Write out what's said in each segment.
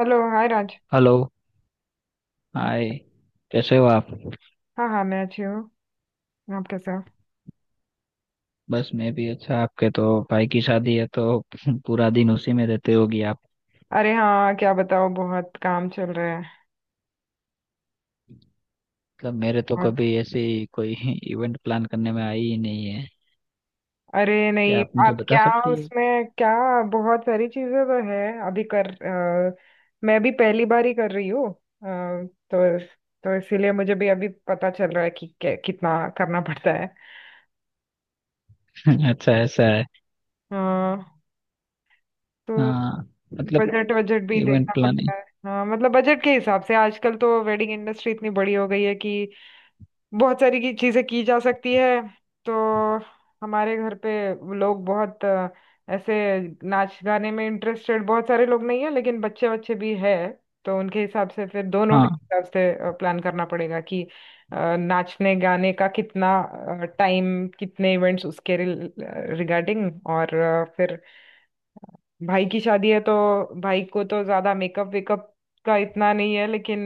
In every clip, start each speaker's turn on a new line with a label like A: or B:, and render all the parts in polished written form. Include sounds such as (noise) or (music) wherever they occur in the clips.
A: Hello, hi Raj.
B: Hello,
A: हाँ।
B: Hi. कैसे हो आप?
A: हाँ, हाँ, मैं अच्छी हूँ। आप कैसे हो?
B: बस मैं भी अच्छा। आपके तो भाई की शादी है तो (laughs) पूरा दिन उसी में रहते होगी आप।
A: अरे हाँ, क्या बताओ, बहुत काम चल रहा है।
B: मतलब मेरे तो
A: और
B: कभी ऐसी कोई (laughs) इवेंट प्लान करने में आई ही नहीं है।
A: अरे
B: क्या
A: नहीं,
B: आप मुझे
A: आप
B: बता
A: क्या?
B: सकती है?
A: उसमें क्या? बहुत सारी चीजें तो है। अभी कर अ, मैं भी पहली बार ही कर रही हूँ। तो तो इसीलिए मुझे भी अभी पता चल रहा है कि कितना करना पड़ता है।
B: (laughs) अच्छा ऐसा है।
A: अ, तो
B: हाँ। मतलब
A: बजट बजट भी
B: इवेंट
A: देखना पड़ता
B: प्लानिंग।
A: है। हाँ मतलब बजट के हिसाब से आजकल तो वेडिंग इंडस्ट्री इतनी बड़ी हो गई है कि बहुत सारी की चीजें की जा सकती है। तो हमारे घर पे लोग बहुत ऐसे नाच गाने में इंटरेस्टेड बहुत सारे लोग नहीं है, लेकिन बच्चे बच्चे भी है। तो उनके हिसाब से, फिर दोनों के
B: हाँ,
A: हिसाब से प्लान करना पड़ेगा कि नाचने गाने का कितना टाइम, कितने इवेंट्स उसके रिगार्डिंग। और फिर भाई की शादी है तो भाई को तो ज्यादा मेकअप वेकअप का इतना नहीं है, लेकिन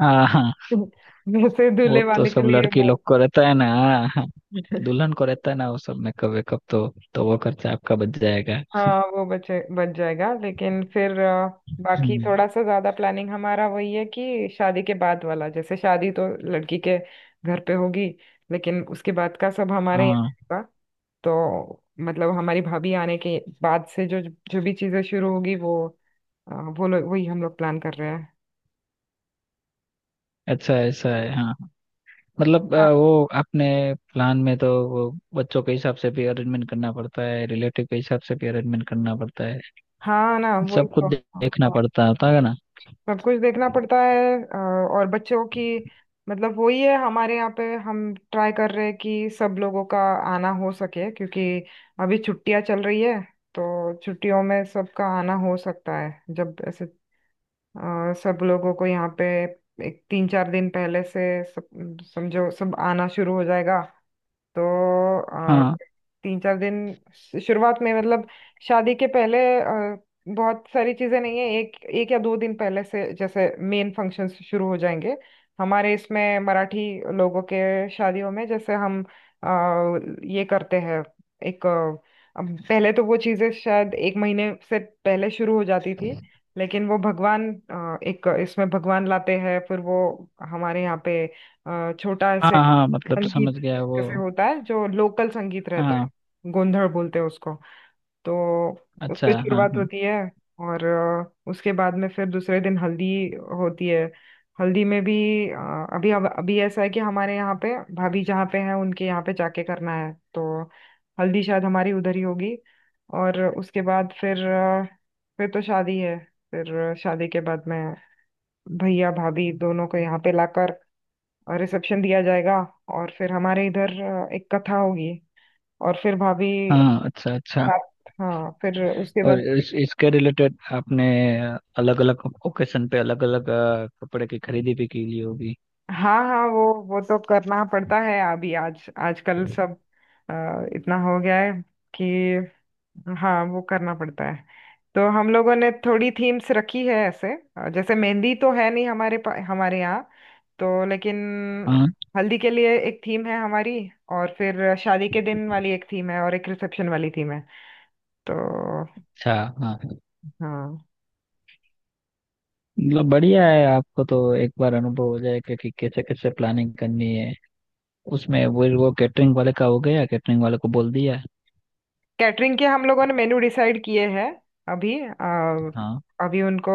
B: हाँ। हाँ,
A: (laughs) वैसे
B: वो
A: दूल्हे
B: तो
A: वाले
B: सब
A: के लिए
B: लड़की
A: वो।
B: लोग को रहता है ना। हाँ,
A: (laughs)
B: दुल्हन को रहता है ना वो सब मेकअप वेकअप। तो वो खर्चा आपका बच जाएगा।
A: हाँ वो बचे बच जाएगा, लेकिन फिर बाकी
B: हम्म।
A: थोड़ा सा ज्यादा प्लानिंग हमारा वही है कि शादी के बाद वाला, जैसे शादी तो लड़की के घर पे होगी, लेकिन उसके बाद का सब हमारे यहाँ
B: हाँ,
A: होगा। तो मतलब हमारी भाभी आने के बाद से जो जो भी चीजें शुरू होगी, वो लोग वही हम लोग प्लान कर रहे हैं।
B: अच्छा ऐसा है। हाँ, मतलब
A: हाँ,
B: वो अपने प्लान में तो वो बच्चों के हिसाब से भी अरेंजमेंट करना पड़ता है, रिलेटिव के हिसाब से भी अरेंजमेंट करना पड़ता है।
A: हाँ ना वही
B: सब कुछ
A: तो। हाँ,
B: देखना
A: हाँ।
B: पड़ता होता है ना।
A: सब कुछ देखना पड़ता है। और बच्चों की, मतलब वही है। हमारे यहाँ पे हम ट्राई कर रहे हैं कि सब लोगों का आना हो सके क्योंकि अभी छुट्टियां चल रही है। तो छुट्टियों में सबका आना हो सकता है जब ऐसे सब लोगों को यहाँ पे एक 3-4 दिन पहले से सब समझो सब आना शुरू हो जाएगा। तो अ,
B: हाँ,
A: 3-4 दिन शुरुआत में, मतलब शादी के पहले बहुत सारी चीजें नहीं है। एक एक या दो दिन पहले से जैसे मेन फंक्शंस शुरू हो जाएंगे। हमारे इसमें मराठी लोगों के शादियों में जैसे हम अ, ये करते हैं। एक अब पहले तो वो चीजें शायद एक महीने से पहले शुरू हो जाती थी, लेकिन वो भगवान एक इसमें भगवान लाते हैं, फिर वो हमारे यहाँ पे छोटा
B: हाँ।
A: ऐसे
B: हाँ, मतलब समझ
A: संगीत
B: गया। वो
A: से होता है। जो लोकल संगीत रहता
B: हाँ।
A: है, गोंधड़ बोलते हैं उसको। तो
B: अच्छा,
A: उससे
B: हाँ,
A: शुरुआत
B: हाँ।
A: होती है। और उसके बाद में फिर दूसरे दिन हल्दी होती है। हल्दी में भी अ, अभी ऐसा है कि हमारे यहाँ पे भाभी जहाँ पे हैं उनके यहाँ पे जाके करना है, तो हल्दी शायद हमारी उधर ही होगी। और उसके बाद फिर फिर तो शादी है। फिर शादी के बाद में भैया भाभी दोनों को यहाँ पे लाकर और रिसेप्शन दिया जाएगा। और फिर हमारे इधर एक कथा होगी। और फिर भाभी
B: हाँ, अच्छा अच्छा।
A: साथ, हाँ, फिर उसके
B: और
A: बाद।
B: इसके रिलेटेड आपने अलग अलग ओकेशन पे अलग अलग कपड़े की खरीदी भी की ली होगी।
A: हाँ, हाँ, वो तो करना पड़ता है। अभी आज आजकल सब इतना हो गया है कि। हाँ वो करना पड़ता है। तो हम लोगों ने थोड़ी थीम्स रखी है ऐसे। जैसे मेहंदी तो है नहीं हमारे हमारे यहाँ। तो लेकिन
B: हाँ,
A: हल्दी के लिए एक थीम है हमारी, और फिर शादी के दिन वाली एक थीम है, और एक रिसेप्शन वाली थीम है। तो
B: अच्छा। हाँ,
A: हाँ।
B: मतलब बढ़िया है। आपको तो एक बार अनुभव हो जाएगा कि कैसे कैसे प्लानिंग करनी है। उसमें वो कैटरिंग वाले का हो गया? कैटरिंग वाले को बोल दिया?
A: कैटरिंग के हम लोगों ने मेनू डिसाइड किए हैं, अभी
B: हाँ,
A: अभी उनको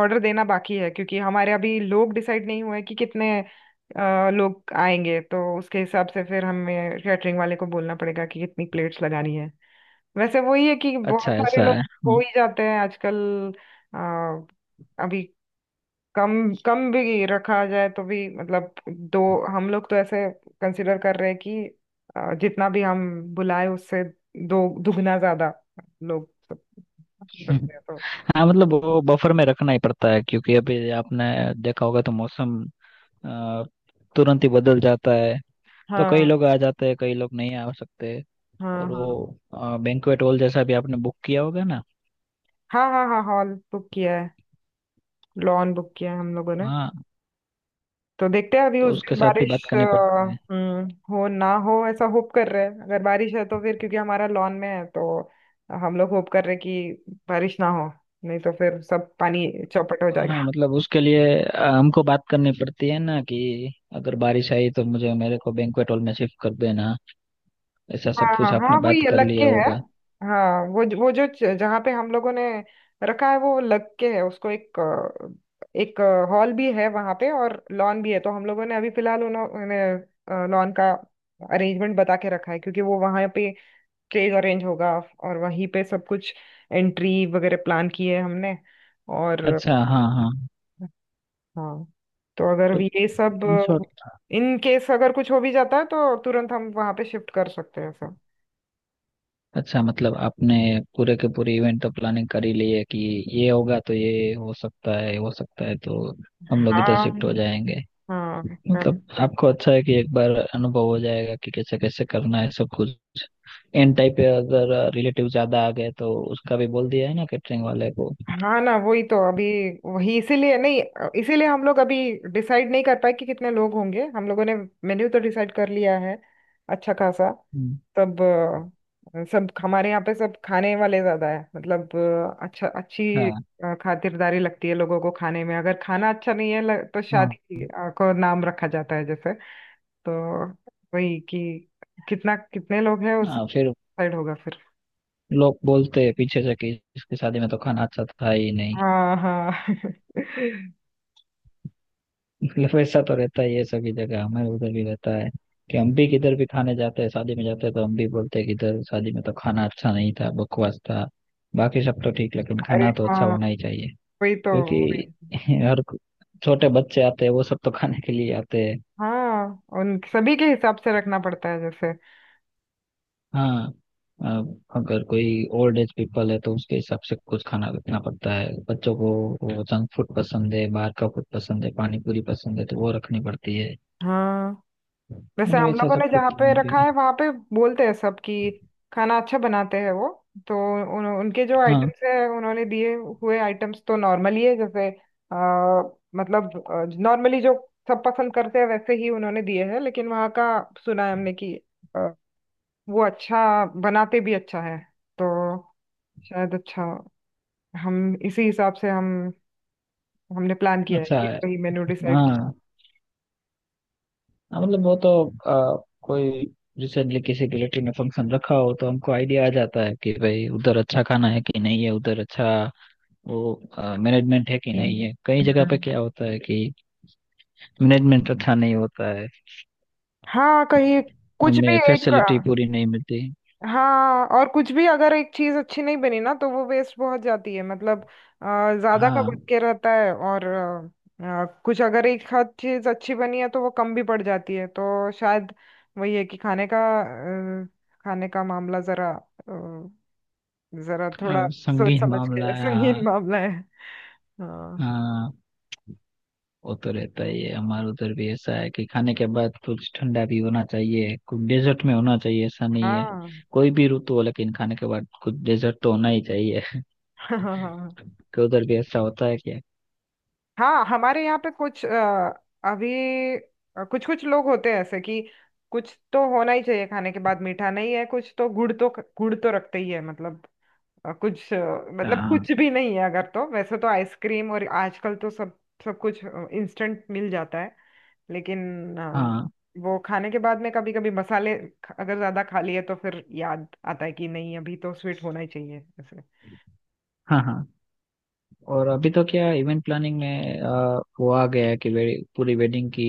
A: ऑर्डर देना बाकी है क्योंकि हमारे अभी लोग डिसाइड नहीं हुए कि कितने लोग आएंगे। तो उसके हिसाब से फिर हमें कैटरिंग वाले को बोलना पड़ेगा कि कितनी प्लेट्स लगानी है। वैसे वही है कि बहुत
B: अच्छा
A: सारे
B: ऐसा है।
A: लोग हो
B: हम्म।
A: ही जाते हैं आजकल। अ, अभी कम कम भी रखा जाए तो भी मतलब दो, हम लोग तो ऐसे कंसिडर कर रहे हैं कि जितना भी हम बुलाए उससे दो दुगना ज्यादा लोग सक
B: (laughs) हम्म।
A: सकते हैं। तो
B: हाँ, मतलब वो बफर में रखना ही पड़ता है, क्योंकि अभी आपने देखा होगा तो मौसम अ, तुरंत ही बदल जाता है। तो कई
A: हाँ,
B: लोग आ जाते हैं, कई लोग नहीं आ सकते।
A: हाँ,
B: और
A: हाँ,
B: वो बैंक्वेट हॉल जैसा भी आपने बुक किया होगा ना।
A: हाँ, हाँ, हाँ, हॉल बुक किया है, लॉन बुक किया है हम लोगों ने।
B: हाँ,
A: तो देखते हैं अभी
B: तो
A: उस
B: उसके
A: दिन
B: साथ भी
A: बारिश
B: बात करनी पड़ती है।
A: हम्म, हो ना हो, ऐसा होप कर रहे हैं। अगर बारिश है तो फिर क्योंकि हमारा लॉन में है तो हम लोग होप कर रहे हैं कि बारिश ना हो, नहीं तो फिर सब पानी चौपट हो
B: हाँ,
A: जाएगा।
B: मतलब उसके लिए हमको बात करनी पड़ती है ना कि अगर बारिश आई तो मुझे मेरे को बैंक्वेट हॉल में शिफ्ट कर देना। ऐसा सब
A: हाँ, हाँ,
B: कुछ आपने
A: हाँ, वो
B: बात
A: ये
B: कर
A: लग के
B: लिया
A: है।
B: होगा।
A: हाँ वो वो जो जहाँ पे हम लोगों ने रखा है वो लग के है उसको, एक एक हॉल भी है वहाँ पे और लॉन भी है। तो हम लोगों ने अभी फिलहाल उन्होंने लॉन का अरेंजमेंट बता के रखा है क्योंकि वो वहाँ पे स्टेज अरेंज होगा और वहीं पे सब कुछ एंट्री वगैरह प्लान की है हमने। और
B: अच्छा, हाँ, हाँ।
A: हाँ, तो
B: तो
A: अगर ये सब
B: इन शॉर्ट,
A: इन केस अगर कुछ हो भी जाता है तो तुरंत हम वहाँ पे शिफ्ट कर सकते हैं सब।
B: अच्छा मतलब आपने पूरे के पूरे इवेंट तो प्लानिंग कर ही ली है कि ये होगा तो ये हो सकता है तो हम लोग इधर
A: हाँ,
B: शिफ्ट हो जाएंगे।
A: हाँ, करना
B: मतलब आपको
A: पड़ता है।
B: अच्छा है कि एक बार अनुभव हो जाएगा कि कैसे कैसे करना है सब कुछ। एन टाइप पे अगर रिलेटिव ज्यादा आ गए तो उसका भी बोल दिया है ना कैटरिंग वाले को।
A: हाँ ना वही तो। अभी वही इसीलिए नहीं इसीलिए हम लोग अभी डिसाइड नहीं कर पाए कि कितने लोग होंगे। हम लोगों ने मेन्यू तो डिसाइड कर लिया है, अच्छा खासा।
B: हम्म,
A: तब सब हमारे यहाँ पे सब खाने वाले ज्यादा है, मतलब अच्छी
B: हाँ,
A: खातिरदारी लगती है लोगों को खाने में। अगर खाना अच्छा नहीं है तो
B: हाँ।
A: शादी को नाम रखा जाता है जैसे। तो वही कि कितना कितने लोग हैं उस
B: हाँ, फिर
A: साइड होगा फिर।
B: लोग बोलते हैं पीछे से कि इसकी शादी में तो खाना अच्छा था ही नहीं।
A: हाँ, हाँ। (laughs)
B: मतलब ऐसा तो रहता ही है सभी जगह। हमें उधर भी रहता है कि हम भी किधर भी खाने जाते हैं, शादी में जाते हैं तो हम भी बोलते हैं कि इधर शादी में तो खाना अच्छा नहीं था, बकवास था। बाकी सब तो ठीक, लेकिन
A: अरे
B: खाना तो अच्छा
A: हाँ,
B: होना ही चाहिए
A: वही तो, वही।
B: क्योंकि (laughs) हर छोटे बच्चे आते हैं वो सब तो खाने के लिए आते हैं।
A: हाँ उन सभी के हिसाब से रखना पड़ता है जैसे।
B: हाँ, अब अगर कोई ओल्ड एज पीपल है तो उसके हिसाब से कुछ खाना रखना पड़ता है। बच्चों को वो जंक फूड पसंद है, बाहर का फूड पसंद है, पानी पूरी पसंद है, तो वो रखनी पड़ती है।
A: हाँ, वैसे
B: मतलब
A: हम
B: ऐसा
A: लोगों ने
B: सब
A: जहाँ
B: कुछ
A: पे
B: में भी।
A: रखा है वहाँ पे बोलते हैं सब कि खाना अच्छा बनाते हैं वो। तो उनके जो
B: हाँ,
A: आइटम्स है उन्होंने दिए हुए आइटम्स तो नॉर्मली है जैसे आ, मतलब नॉर्मली जो सब पसंद करते हैं वैसे ही उन्होंने दिए हैं। लेकिन वहाँ का सुना है हमने कि अ, वो अच्छा बनाते भी अच्छा है। तो शायद अच्छा हम इसी हिसाब से हम हमने प्लान किया है
B: अच्छा।
A: कि कहीं मेनू डिसाइड किया
B: हाँ, हाँ, मतलब वो तो आ, कोई रिसेंटली किसी रिलेटिव ने फंक्शन रखा हो तो हमको आइडिया आ जाता है कि भाई उधर अच्छा खाना है कि नहीं है, उधर अच्छा वो मैनेजमेंट है कि नहीं है। कई
A: है।
B: जगह पे
A: हम्म।
B: क्या होता है कि मैनेजमेंट अच्छा नहीं होता है,
A: हाँ कहीं कुछ
B: हमें
A: भी एक।
B: फैसिलिटी पूरी नहीं मिलती।
A: हाँ और कुछ भी अगर एक चीज अच्छी नहीं बनी ना तो वो वेस्ट बहुत जाती है, मतलब अ, ज्यादा का बच
B: हाँ,
A: के रहता है। और कुछ अगर एक आध चीज अच्छी बनी है तो वो कम भी पड़ जाती है। तो शायद वही है कि खाने का अ, खाने का मामला जरा अ, जरा थोड़ा सोच
B: संगीत
A: समझ
B: मामला
A: के
B: है। हाँ,
A: संगीन मामला है। हाँ,
B: हाँ। वो तो रहता ही है, हमारे उधर भी ऐसा है कि खाने के बाद कुछ ठंडा भी होना चाहिए, कुछ डेजर्ट में होना चाहिए। ऐसा नहीं है, कोई भी ऋतु हो लेकिन खाने के बाद कुछ डेजर्ट तो होना ही चाहिए। (laughs)
A: हाँ। (laughs)
B: कि उधर भी ऐसा होता है क्या?
A: हाँ हमारे यहाँ पे कुछ अभी कुछ कुछ लोग होते हैं ऐसे कि कुछ तो होना ही चाहिए खाने के बाद। मीठा नहीं है कुछ, तो गुड़ तो रखते ही है, मतलब। कुछ मतलब
B: हाँ,
A: कुछ भी नहीं है अगर, तो वैसे तो आइसक्रीम, और आजकल तो सब सब कुछ इंस्टेंट मिल जाता है। लेकिन अ,
B: हाँ।
A: वो खाने के बाद में कभी कभी मसाले अगर ज्यादा खा लिए तो फिर याद आता है कि नहीं अभी तो स्वीट होना ही चाहिए ऐसे।
B: हाँ, हाँ। और अभी तो क्या इवेंट प्लानिंग में वो आ गया है कि पूरी वेडिंग की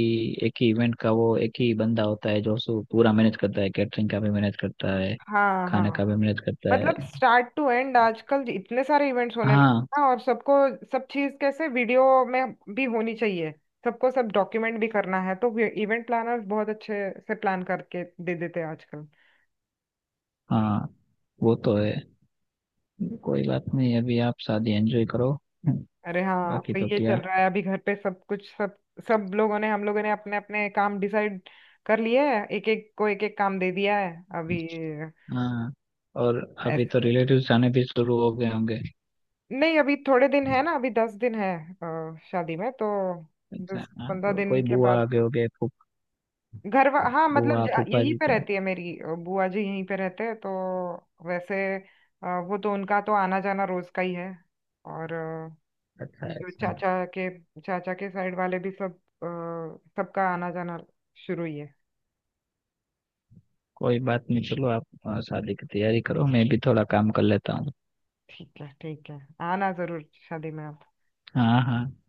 B: एक ही इवेंट का वो एक ही बंदा होता है जो पूरा मैनेज करता है, कैटरिंग का भी मैनेज करता है,
A: हाँ,
B: खाने
A: हाँ।
B: का भी मैनेज करता है।
A: मतलब स्टार्ट टू एंड आजकल इतने सारे इवेंट्स होने लगे हैं
B: हाँ,
A: ना, और सबको सब चीज कैसे वीडियो में भी होनी चाहिए। सबको सब डॉक्यूमेंट भी करना है तो इवेंट प्लानर्स बहुत अच्छे से प्लान करके दे देते हैं आजकल।
B: हाँ, वो तो है। कोई बात नहीं, अभी आप शादी एंजॉय करो।
A: अरे हाँ,
B: बाकी
A: तो
B: तो
A: ये
B: क्या।
A: चल रहा है अभी घर पे। सब कुछ सब सब लोगों ने हम लोगों ने अपने अपने काम डिसाइड कर लिए हैं। एक एक को एक एक काम दे दिया है अभी।
B: हाँ, और अभी तो
A: ऐसे
B: रिलेटिव्स आने भी शुरू हो गए होंगे।
A: नहीं, अभी थोड़े दिन है ना, अभी 10 दिन है। शादी में तो
B: अच्छा,
A: दस
B: हाँ,
A: पंद्रह
B: तो
A: दिन
B: कोई
A: के
B: बुआ आ
A: बाद
B: गए होंगे, फूफ
A: घर हाँ मतलब
B: बुआ फूफा
A: यहीं
B: जी
A: पे
B: तो।
A: रहती है मेरी बुआ जी, यहीं पे रहते हैं तो वैसे वो तो उनका तो आना जाना रोज का ही है। और
B: अच्छा है,
A: जो
B: ऐसा।
A: चाचा के साइड वाले भी सब अ, सबका आना जाना शुरू ही है।
B: कोई बात नहीं, चलो आप शादी की तैयारी करो, मैं भी थोड़ा काम कर लेता हूँ।
A: ठीक है, ठीक है। आना जरूर शादी में आप।
B: हाँ, हाँ।